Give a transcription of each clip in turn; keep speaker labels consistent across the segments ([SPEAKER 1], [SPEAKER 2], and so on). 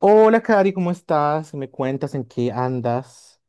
[SPEAKER 1] Hola, Cari, ¿cómo estás? ¿Me cuentas en qué andas?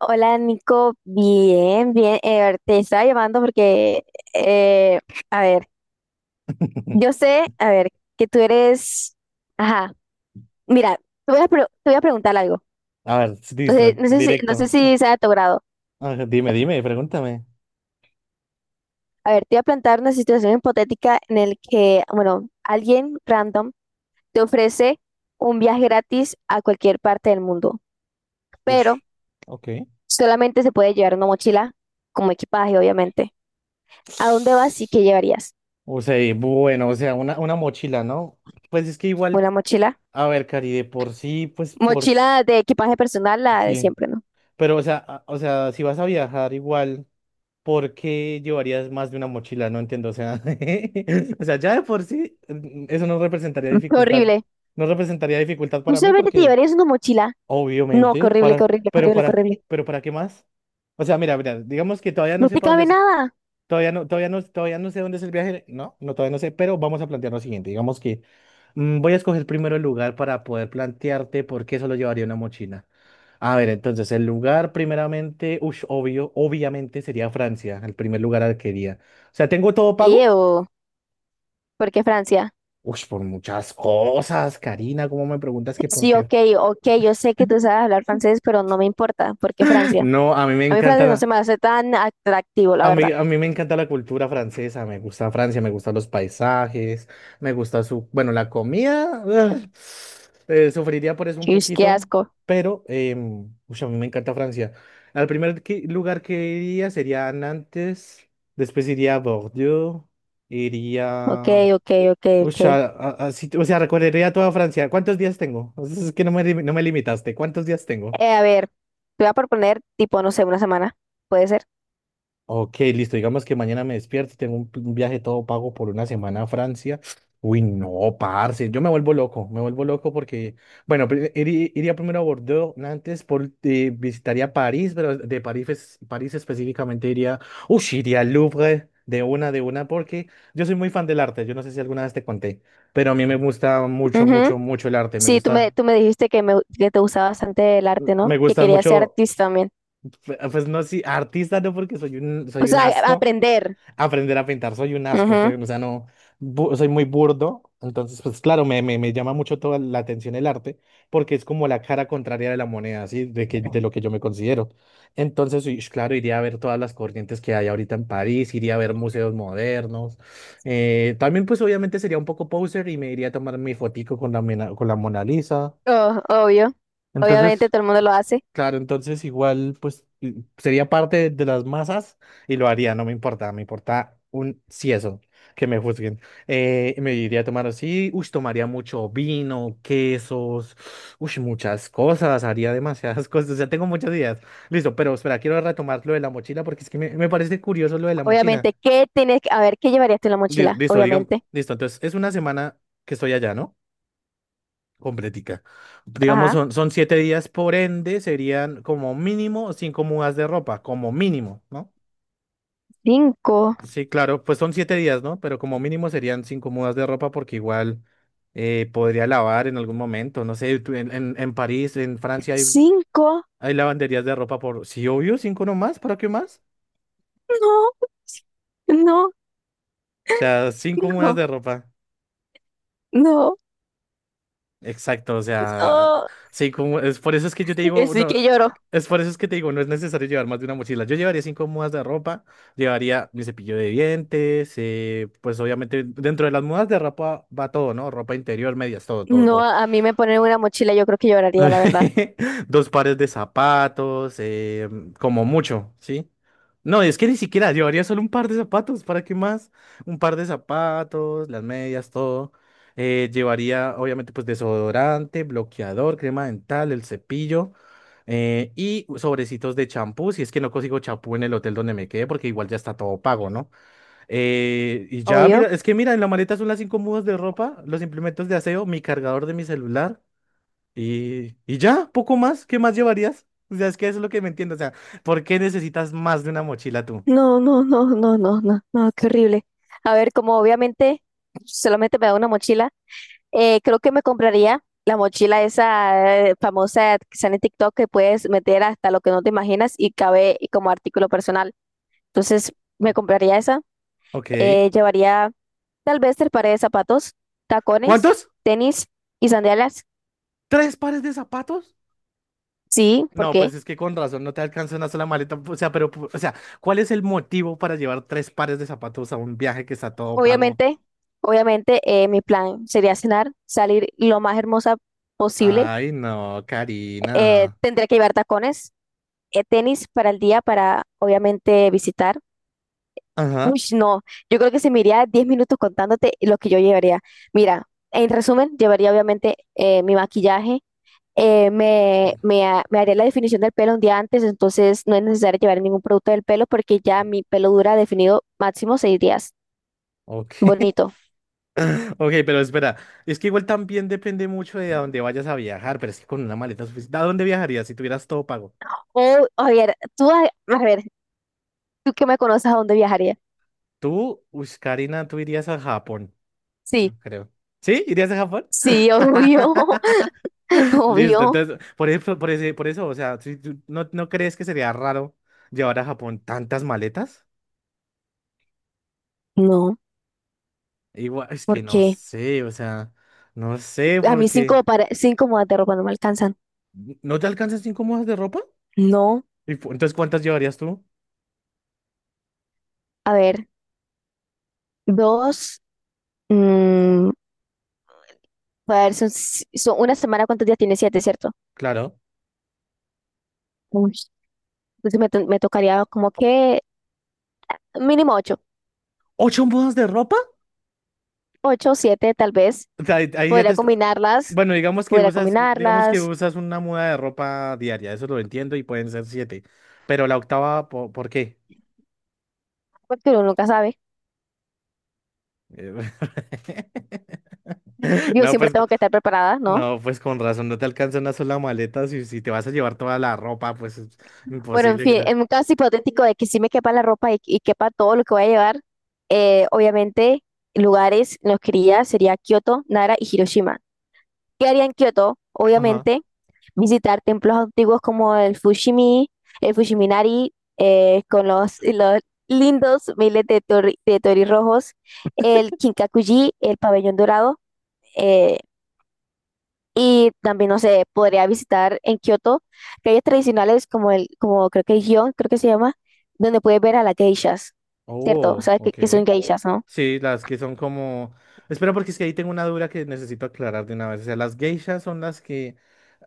[SPEAKER 2] Hola Nico, bien, bien. Te estaba llamando porque, eh, a ver, yo sé, a ver, que tú eres, ajá, mira, te voy a preguntar algo.
[SPEAKER 1] A ver,
[SPEAKER 2] No
[SPEAKER 1] listo,
[SPEAKER 2] sé,
[SPEAKER 1] directo.
[SPEAKER 2] no sé si sea de tu grado.
[SPEAKER 1] A ver, dime, dime, pregúntame.
[SPEAKER 2] A ver, te voy a plantear una situación hipotética en el que, bueno, alguien random te ofrece un viaje gratis a cualquier parte del mundo, pero
[SPEAKER 1] Ush, ok.
[SPEAKER 2] solamente se puede llevar una mochila como equipaje, obviamente. ¿A dónde vas y qué llevarías?
[SPEAKER 1] O sea, y bueno, o sea, una mochila, ¿no? Pues es que igual,
[SPEAKER 2] ¿Una mochila?
[SPEAKER 1] a ver, Cari, de por sí, pues por...
[SPEAKER 2] Mochila de equipaje personal, la de
[SPEAKER 1] Sí,
[SPEAKER 2] siempre, ¿no?
[SPEAKER 1] pero o sea, o sea, si vas a viajar igual, ¿por qué llevarías más de una mochila? No entiendo, o sea, o sea, ya de por sí, eso no representaría
[SPEAKER 2] Mm, qué
[SPEAKER 1] dificultad,
[SPEAKER 2] horrible.
[SPEAKER 1] no representaría dificultad
[SPEAKER 2] ¿Tú
[SPEAKER 1] para mí
[SPEAKER 2] solamente te
[SPEAKER 1] porque...
[SPEAKER 2] llevarías una mochila? No, qué
[SPEAKER 1] Obviamente,
[SPEAKER 2] horrible, qué
[SPEAKER 1] para,
[SPEAKER 2] horrible, qué
[SPEAKER 1] pero
[SPEAKER 2] horrible, qué
[SPEAKER 1] para,
[SPEAKER 2] horrible.
[SPEAKER 1] ¿pero para qué más? O sea, mira, mira, digamos que todavía no
[SPEAKER 2] No
[SPEAKER 1] sé
[SPEAKER 2] te
[SPEAKER 1] para dónde
[SPEAKER 2] cabe
[SPEAKER 1] es,
[SPEAKER 2] nada.
[SPEAKER 1] todavía no, todavía no, todavía no sé dónde es el viaje, no, no, todavía no sé, pero vamos a plantear lo siguiente, digamos que voy a escoger primero el lugar para poder plantearte por qué solo llevaría una mochila. A ver, entonces, el lugar primeramente, ush, obvio, obviamente sería Francia, el primer lugar al que iría. O sea, ¿tengo todo pago?
[SPEAKER 2] Ew, ¿por qué Francia?
[SPEAKER 1] Ush, por muchas cosas, Karina, ¿cómo me preguntas que por
[SPEAKER 2] Sí,
[SPEAKER 1] qué?
[SPEAKER 2] ok, ok, yo sé que tú sabes hablar francés, pero no me importa, ¿por qué Francia?
[SPEAKER 1] No, a mí me
[SPEAKER 2] A mí francés no
[SPEAKER 1] encanta.
[SPEAKER 2] se me hace tan atractivo, la
[SPEAKER 1] A
[SPEAKER 2] verdad.
[SPEAKER 1] mí, a mí me encanta la cultura francesa, me gusta Francia, me gustan los paisajes, me gusta su, bueno, la comida, ugh, sufriría por eso un
[SPEAKER 2] Ish, qué
[SPEAKER 1] poquito,
[SPEAKER 2] asco.
[SPEAKER 1] pero ush, a mí me encanta Francia. Al lugar que iría sería Nantes, después iría a Bordeaux,
[SPEAKER 2] Ok,
[SPEAKER 1] iría,
[SPEAKER 2] ok, ok,
[SPEAKER 1] ush,
[SPEAKER 2] ok.
[SPEAKER 1] o sea, recorrería toda Francia. ¿Cuántos días tengo? Es que no me, no me limitaste, ¿cuántos días tengo?
[SPEAKER 2] A ver, te voy a proponer, tipo, no sé, una semana. ¿Puede ser?
[SPEAKER 1] Ok, listo. Digamos que mañana me despierto y tengo un viaje todo pago por una semana a Francia. Uy, no, parce. Yo me vuelvo loco. Me vuelvo loco porque, bueno, iría primero a Bordeaux, Nantes, por, visitaría París, pero de París, París específicamente iría, uy, iría al Louvre de una, porque yo soy muy fan del arte. Yo no sé si alguna vez te conté, pero a mí me gusta mucho,
[SPEAKER 2] Ujú.
[SPEAKER 1] mucho, mucho el arte.
[SPEAKER 2] Tú me dijiste que te gustaba bastante el arte, ¿no?
[SPEAKER 1] Me
[SPEAKER 2] Que
[SPEAKER 1] gusta
[SPEAKER 2] querías ser
[SPEAKER 1] mucho,
[SPEAKER 2] artista también.
[SPEAKER 1] pues no, sí, artista no, porque
[SPEAKER 2] O
[SPEAKER 1] soy un
[SPEAKER 2] sea,
[SPEAKER 1] asco.
[SPEAKER 2] aprender.
[SPEAKER 1] Aprender a pintar. Soy un asco,
[SPEAKER 2] Ujú.
[SPEAKER 1] o sea, no, soy muy burdo. Entonces, pues claro, me llama mucho toda la atención el arte porque es como la cara contraria de la moneda, así. De que, de lo que yo me considero. Entonces, uy, claro, iría a ver todas las corrientes que hay ahorita en París, iría a ver museos modernos. También, pues obviamente sería un poco poser y me iría a tomar mi fotico con la, con la Mona Lisa.
[SPEAKER 2] Oh, obvio. Obviamente
[SPEAKER 1] Entonces...
[SPEAKER 2] todo el mundo lo hace.
[SPEAKER 1] Claro, entonces igual pues sería parte de las masas y lo haría, no me importa, me importa un eso, que me juzguen. Me iría a tomar así, uy, tomaría mucho vino, quesos, uy, muchas cosas, haría demasiadas cosas, o sea, tengo muchas ideas. Listo, pero espera, quiero retomar lo de la mochila porque es que me parece curioso lo de la mochila.
[SPEAKER 2] Obviamente, ¿qué tienes que... A ver, ¿qué llevarías tú en la mochila?
[SPEAKER 1] Listo, digamos,
[SPEAKER 2] Obviamente.
[SPEAKER 1] listo, entonces es una semana que estoy allá, ¿no? Completica. Digamos,
[SPEAKER 2] Ajá.
[SPEAKER 1] son, son 7 días, por ende, serían como mínimo 5 mudas de ropa, como mínimo, ¿no?
[SPEAKER 2] Cinco.
[SPEAKER 1] Sí, claro, pues son 7 días, ¿no? Pero como mínimo serían 5 mudas de ropa porque igual podría lavar en algún momento, no sé, tú en París, en Francia hay,
[SPEAKER 2] Cinco.
[SPEAKER 1] hay lavanderías de ropa por, sí, obvio, 5 nomás, ¿para qué más?
[SPEAKER 2] No, no,
[SPEAKER 1] O sea, 5 mudas de
[SPEAKER 2] no,
[SPEAKER 1] ropa.
[SPEAKER 2] no,
[SPEAKER 1] Exacto, o sea,
[SPEAKER 2] no.
[SPEAKER 1] sí, como es por eso es que yo te digo,
[SPEAKER 2] Sí
[SPEAKER 1] no,
[SPEAKER 2] que lloro.
[SPEAKER 1] es por eso es que te digo, no es necesario llevar más de una mochila. Yo llevaría 5 mudas de ropa, llevaría mi cepillo de dientes, pues obviamente dentro de las mudas de ropa va todo, ¿no? Ropa interior, medias, todo, todo,
[SPEAKER 2] No,
[SPEAKER 1] todo.
[SPEAKER 2] a mí me ponen una mochila, yo creo que lloraría, la verdad.
[SPEAKER 1] 2 pares de zapatos, como mucho, ¿sí? No, es que ni siquiera llevaría solo un par de zapatos, ¿para qué más? Un par de zapatos, las medias, todo. Llevaría, obviamente, pues desodorante, bloqueador, crema dental, el cepillo y sobrecitos de champú, si es que no consigo champú en el hotel donde me quede, porque igual ya está todo pago, ¿no? Y ya, mira,
[SPEAKER 2] Obvio.
[SPEAKER 1] es que mira, en la maleta son las 5 mudas de ropa, los implementos de aseo, mi cargador de mi celular. Y ya, poco más, ¿qué más llevarías? O sea, es que eso es lo que me entiendo. O sea, ¿por qué necesitas más de una mochila tú?
[SPEAKER 2] No, no, no, no, no, no, no, qué horrible. A ver, como obviamente solamente me da una mochila. Creo que me compraría la mochila esa famosa que sale en TikTok, que puedes meter hasta lo que no te imaginas y cabe como artículo personal. Entonces, me compraría esa.
[SPEAKER 1] Ok.
[SPEAKER 2] Llevaría tal vez tres pares de zapatos: tacones,
[SPEAKER 1] ¿Cuántos?
[SPEAKER 2] tenis y sandalias.
[SPEAKER 1] ¿Tres pares de zapatos?
[SPEAKER 2] Sí,
[SPEAKER 1] No,
[SPEAKER 2] porque
[SPEAKER 1] pues es que con razón no te alcanza una sola maleta. O sea, pero, o sea, ¿cuál es el motivo para llevar 3 pares de zapatos a un viaje que está todo pago?
[SPEAKER 2] obviamente, obviamente mi plan sería cenar, salir lo más hermosa posible.
[SPEAKER 1] Ay, no, Karina.
[SPEAKER 2] Tendré que llevar tacones, tenis para el día, para obviamente visitar.
[SPEAKER 1] Ajá.
[SPEAKER 2] Uy, no, yo creo que se me iría 10 minutos contándote lo que yo llevaría. Mira, en resumen, llevaría obviamente mi maquillaje, me haría la definición del pelo un día antes, entonces no es necesario llevar ningún producto del pelo porque ya mi pelo dura definido máximo 6 días.
[SPEAKER 1] Ok,
[SPEAKER 2] Bonito.
[SPEAKER 1] ok, pero espera, es que igual también depende mucho de a dónde vayas a viajar, pero es que con una maleta suficiente, ¿a dónde viajarías si tuvieras todo pago?
[SPEAKER 2] O, a ver, a ver, tú que me conoces, ¿a dónde viajaría?
[SPEAKER 1] Tú, uy, Karina, tú irías a Japón,
[SPEAKER 2] Sí,
[SPEAKER 1] yo creo. ¿Sí? ¿Irías a Japón?
[SPEAKER 2] sí, obvio,
[SPEAKER 1] Listo,
[SPEAKER 2] obvio.
[SPEAKER 1] entonces, por eso, por eso, o sea, si ¿no, no crees que sería raro llevar a Japón tantas maletas?
[SPEAKER 2] No,
[SPEAKER 1] Igual, es que no
[SPEAKER 2] porque
[SPEAKER 1] sé, o sea, no sé,
[SPEAKER 2] a mí
[SPEAKER 1] porque
[SPEAKER 2] cinco, para, cinco modas de ropa no me alcanzan.
[SPEAKER 1] ¿no te alcanzan 5 mudas de ropa?
[SPEAKER 2] No,
[SPEAKER 1] Y entonces, ¿cuántas llevarías tú?
[SPEAKER 2] a ver, dos. Mm, a ver, son, si- son una semana, ¿cuántos días tiene? Siete, ¿cierto?
[SPEAKER 1] Claro.
[SPEAKER 2] Uy, entonces me tocaría como que mínimo ocho.
[SPEAKER 1] ¿8 mudas de ropa?
[SPEAKER 2] Ocho, siete, tal vez.
[SPEAKER 1] O sea, ahí, ahí ya te
[SPEAKER 2] Podría combinarlas,
[SPEAKER 1] Bueno,
[SPEAKER 2] podría
[SPEAKER 1] digamos que
[SPEAKER 2] combinarlas,
[SPEAKER 1] usas una muda de ropa diaria, eso lo entiendo y pueden ser siete. Pero la octava, ¿por qué?
[SPEAKER 2] porque uno nunca sabe.
[SPEAKER 1] Eh,
[SPEAKER 2] Yo
[SPEAKER 1] No,
[SPEAKER 2] siempre
[SPEAKER 1] pues,
[SPEAKER 2] tengo que estar preparada, ¿no?
[SPEAKER 1] no, pues con razón, no te alcanza una sola maleta. Si, si te vas a llevar toda la ropa, pues es
[SPEAKER 2] Bueno, en
[SPEAKER 1] imposible que
[SPEAKER 2] fin,
[SPEAKER 1] te...
[SPEAKER 2] en un caso hipotético de que sí me quepa la ropa y quepa todo lo que voy a llevar, obviamente lugares en los que iría sería Kioto, Nara y Hiroshima. ¿Qué haría en Kioto?
[SPEAKER 1] Ajá.
[SPEAKER 2] Obviamente visitar templos antiguos como el Fushimi, el Fushiminari, con los lindos miles de, de torirrojos, el Kinkakuji, el pabellón dorado, eh, y también, no sé, podría visitar en Kioto calles tradicionales como como creo que el Gion, creo que se llama, donde puedes ver a las geishas, ¿cierto? O
[SPEAKER 1] Oh,
[SPEAKER 2] sea,
[SPEAKER 1] ok.
[SPEAKER 2] que son geishas, ¿no?
[SPEAKER 1] Sí, las que son como... Espera, porque es que ahí tengo una duda que necesito aclarar de una vez. O sea, las geishas son las que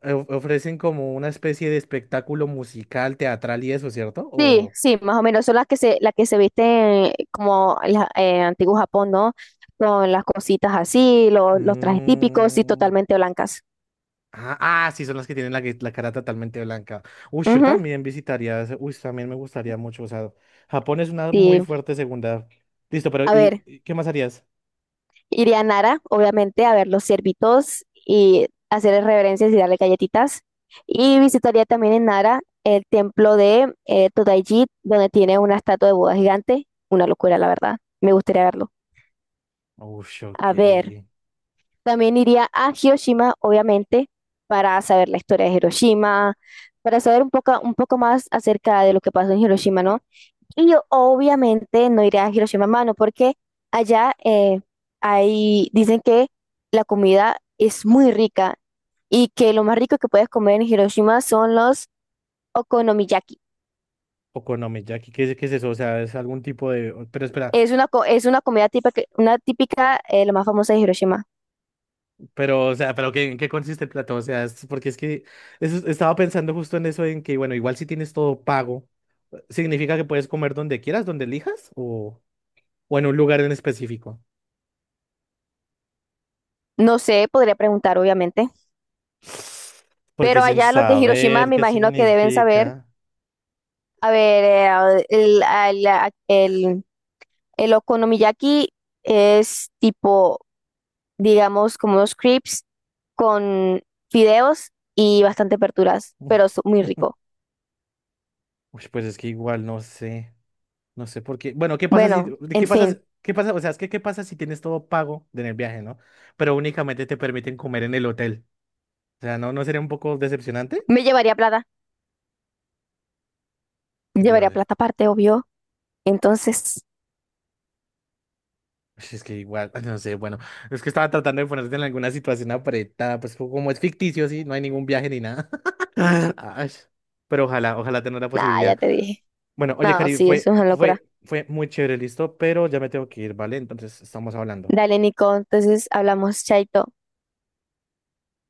[SPEAKER 1] ofrecen como una especie de espectáculo musical, teatral y eso, ¿cierto?
[SPEAKER 2] Sí,
[SPEAKER 1] O...
[SPEAKER 2] sí, más o menos son las que las que se visten como el antiguo Japón, ¿no? Con las cositas así, los trajes típicos y
[SPEAKER 1] Mm,
[SPEAKER 2] totalmente blancas.
[SPEAKER 1] Ah, ah, sí, son las que tienen la, la cara totalmente blanca. Uy, yo
[SPEAKER 2] Ujú,
[SPEAKER 1] también visitaría... Uy, también me gustaría mucho. O sea, Japón es una muy
[SPEAKER 2] sí.
[SPEAKER 1] fuerte segunda. Listo, pero
[SPEAKER 2] A ver,
[SPEAKER 1] y qué más harías?
[SPEAKER 2] iría a Nara, obviamente, a ver los ciervitos y hacerles reverencias y darle galletitas. Y visitaría también en Nara el templo de Todaiji, donde tiene una estatua de Buda gigante. Una locura, la verdad. Me gustaría verlo.
[SPEAKER 1] Uy, ok.
[SPEAKER 2] A ver. También iría a Hiroshima, obviamente, para saber la historia de Hiroshima, para saber un poco más acerca de lo que pasó en Hiroshima, ¿no? Y yo obviamente no iré a Hiroshima a mano porque allá dicen que la comida es muy rica y que lo más rico que puedes comer en Hiroshima son los okonomiyaki.
[SPEAKER 1] Okonomiyaki, qué es eso? O sea, es algún tipo de... Pero espera.
[SPEAKER 2] Es es una comida típica, la más famosa de Hiroshima.
[SPEAKER 1] Pero, o sea, pero ¿qué, en qué consiste el plato? O sea, es porque es que estaba pensando justo en eso, en que, bueno, igual si tienes todo pago, ¿significa que puedes comer donde quieras, donde elijas? O en un lugar en específico?
[SPEAKER 2] No sé, podría preguntar obviamente,
[SPEAKER 1] Porque
[SPEAKER 2] pero
[SPEAKER 1] sin
[SPEAKER 2] allá los de Hiroshima
[SPEAKER 1] saber
[SPEAKER 2] me
[SPEAKER 1] qué
[SPEAKER 2] imagino que deben saber.
[SPEAKER 1] significa.
[SPEAKER 2] A ver, el, al- a- el okonomiyaki es tipo, digamos, como unos crepes con fideos y bastante aperturas, pero es muy rico.
[SPEAKER 1] Uy, pues es que igual no sé. No sé por qué. Bueno, ¿qué pasa si,
[SPEAKER 2] Bueno,
[SPEAKER 1] de
[SPEAKER 2] en
[SPEAKER 1] qué pasa,
[SPEAKER 2] fin,
[SPEAKER 1] qué pasa, o sea, es que qué pasa si tienes todo pago en el viaje, ¿no? Pero únicamente te permiten comer en el hotel. O sea, ¿no, no sería un poco decepcionante?
[SPEAKER 2] me llevaría plata. Llevaría
[SPEAKER 1] Llevar.
[SPEAKER 2] plata aparte, obvio. Entonces,
[SPEAKER 1] Pues es que igual, no sé, bueno, es que estaba tratando de ponerte en alguna situación apretada, pues como es ficticio, sí, no hay ningún viaje ni nada. Ay, pero ojalá, ojalá tener la
[SPEAKER 2] nada, ya
[SPEAKER 1] posibilidad.
[SPEAKER 2] te dije.
[SPEAKER 1] Bueno, oye,
[SPEAKER 2] No,
[SPEAKER 1] Cari,
[SPEAKER 2] sí, eso
[SPEAKER 1] fue,
[SPEAKER 2] es una locura.
[SPEAKER 1] fue, fue muy chévere, listo, pero ya me tengo que ir, ¿vale? Entonces estamos hablando.
[SPEAKER 2] Dale, Nico, entonces hablamos, chaito.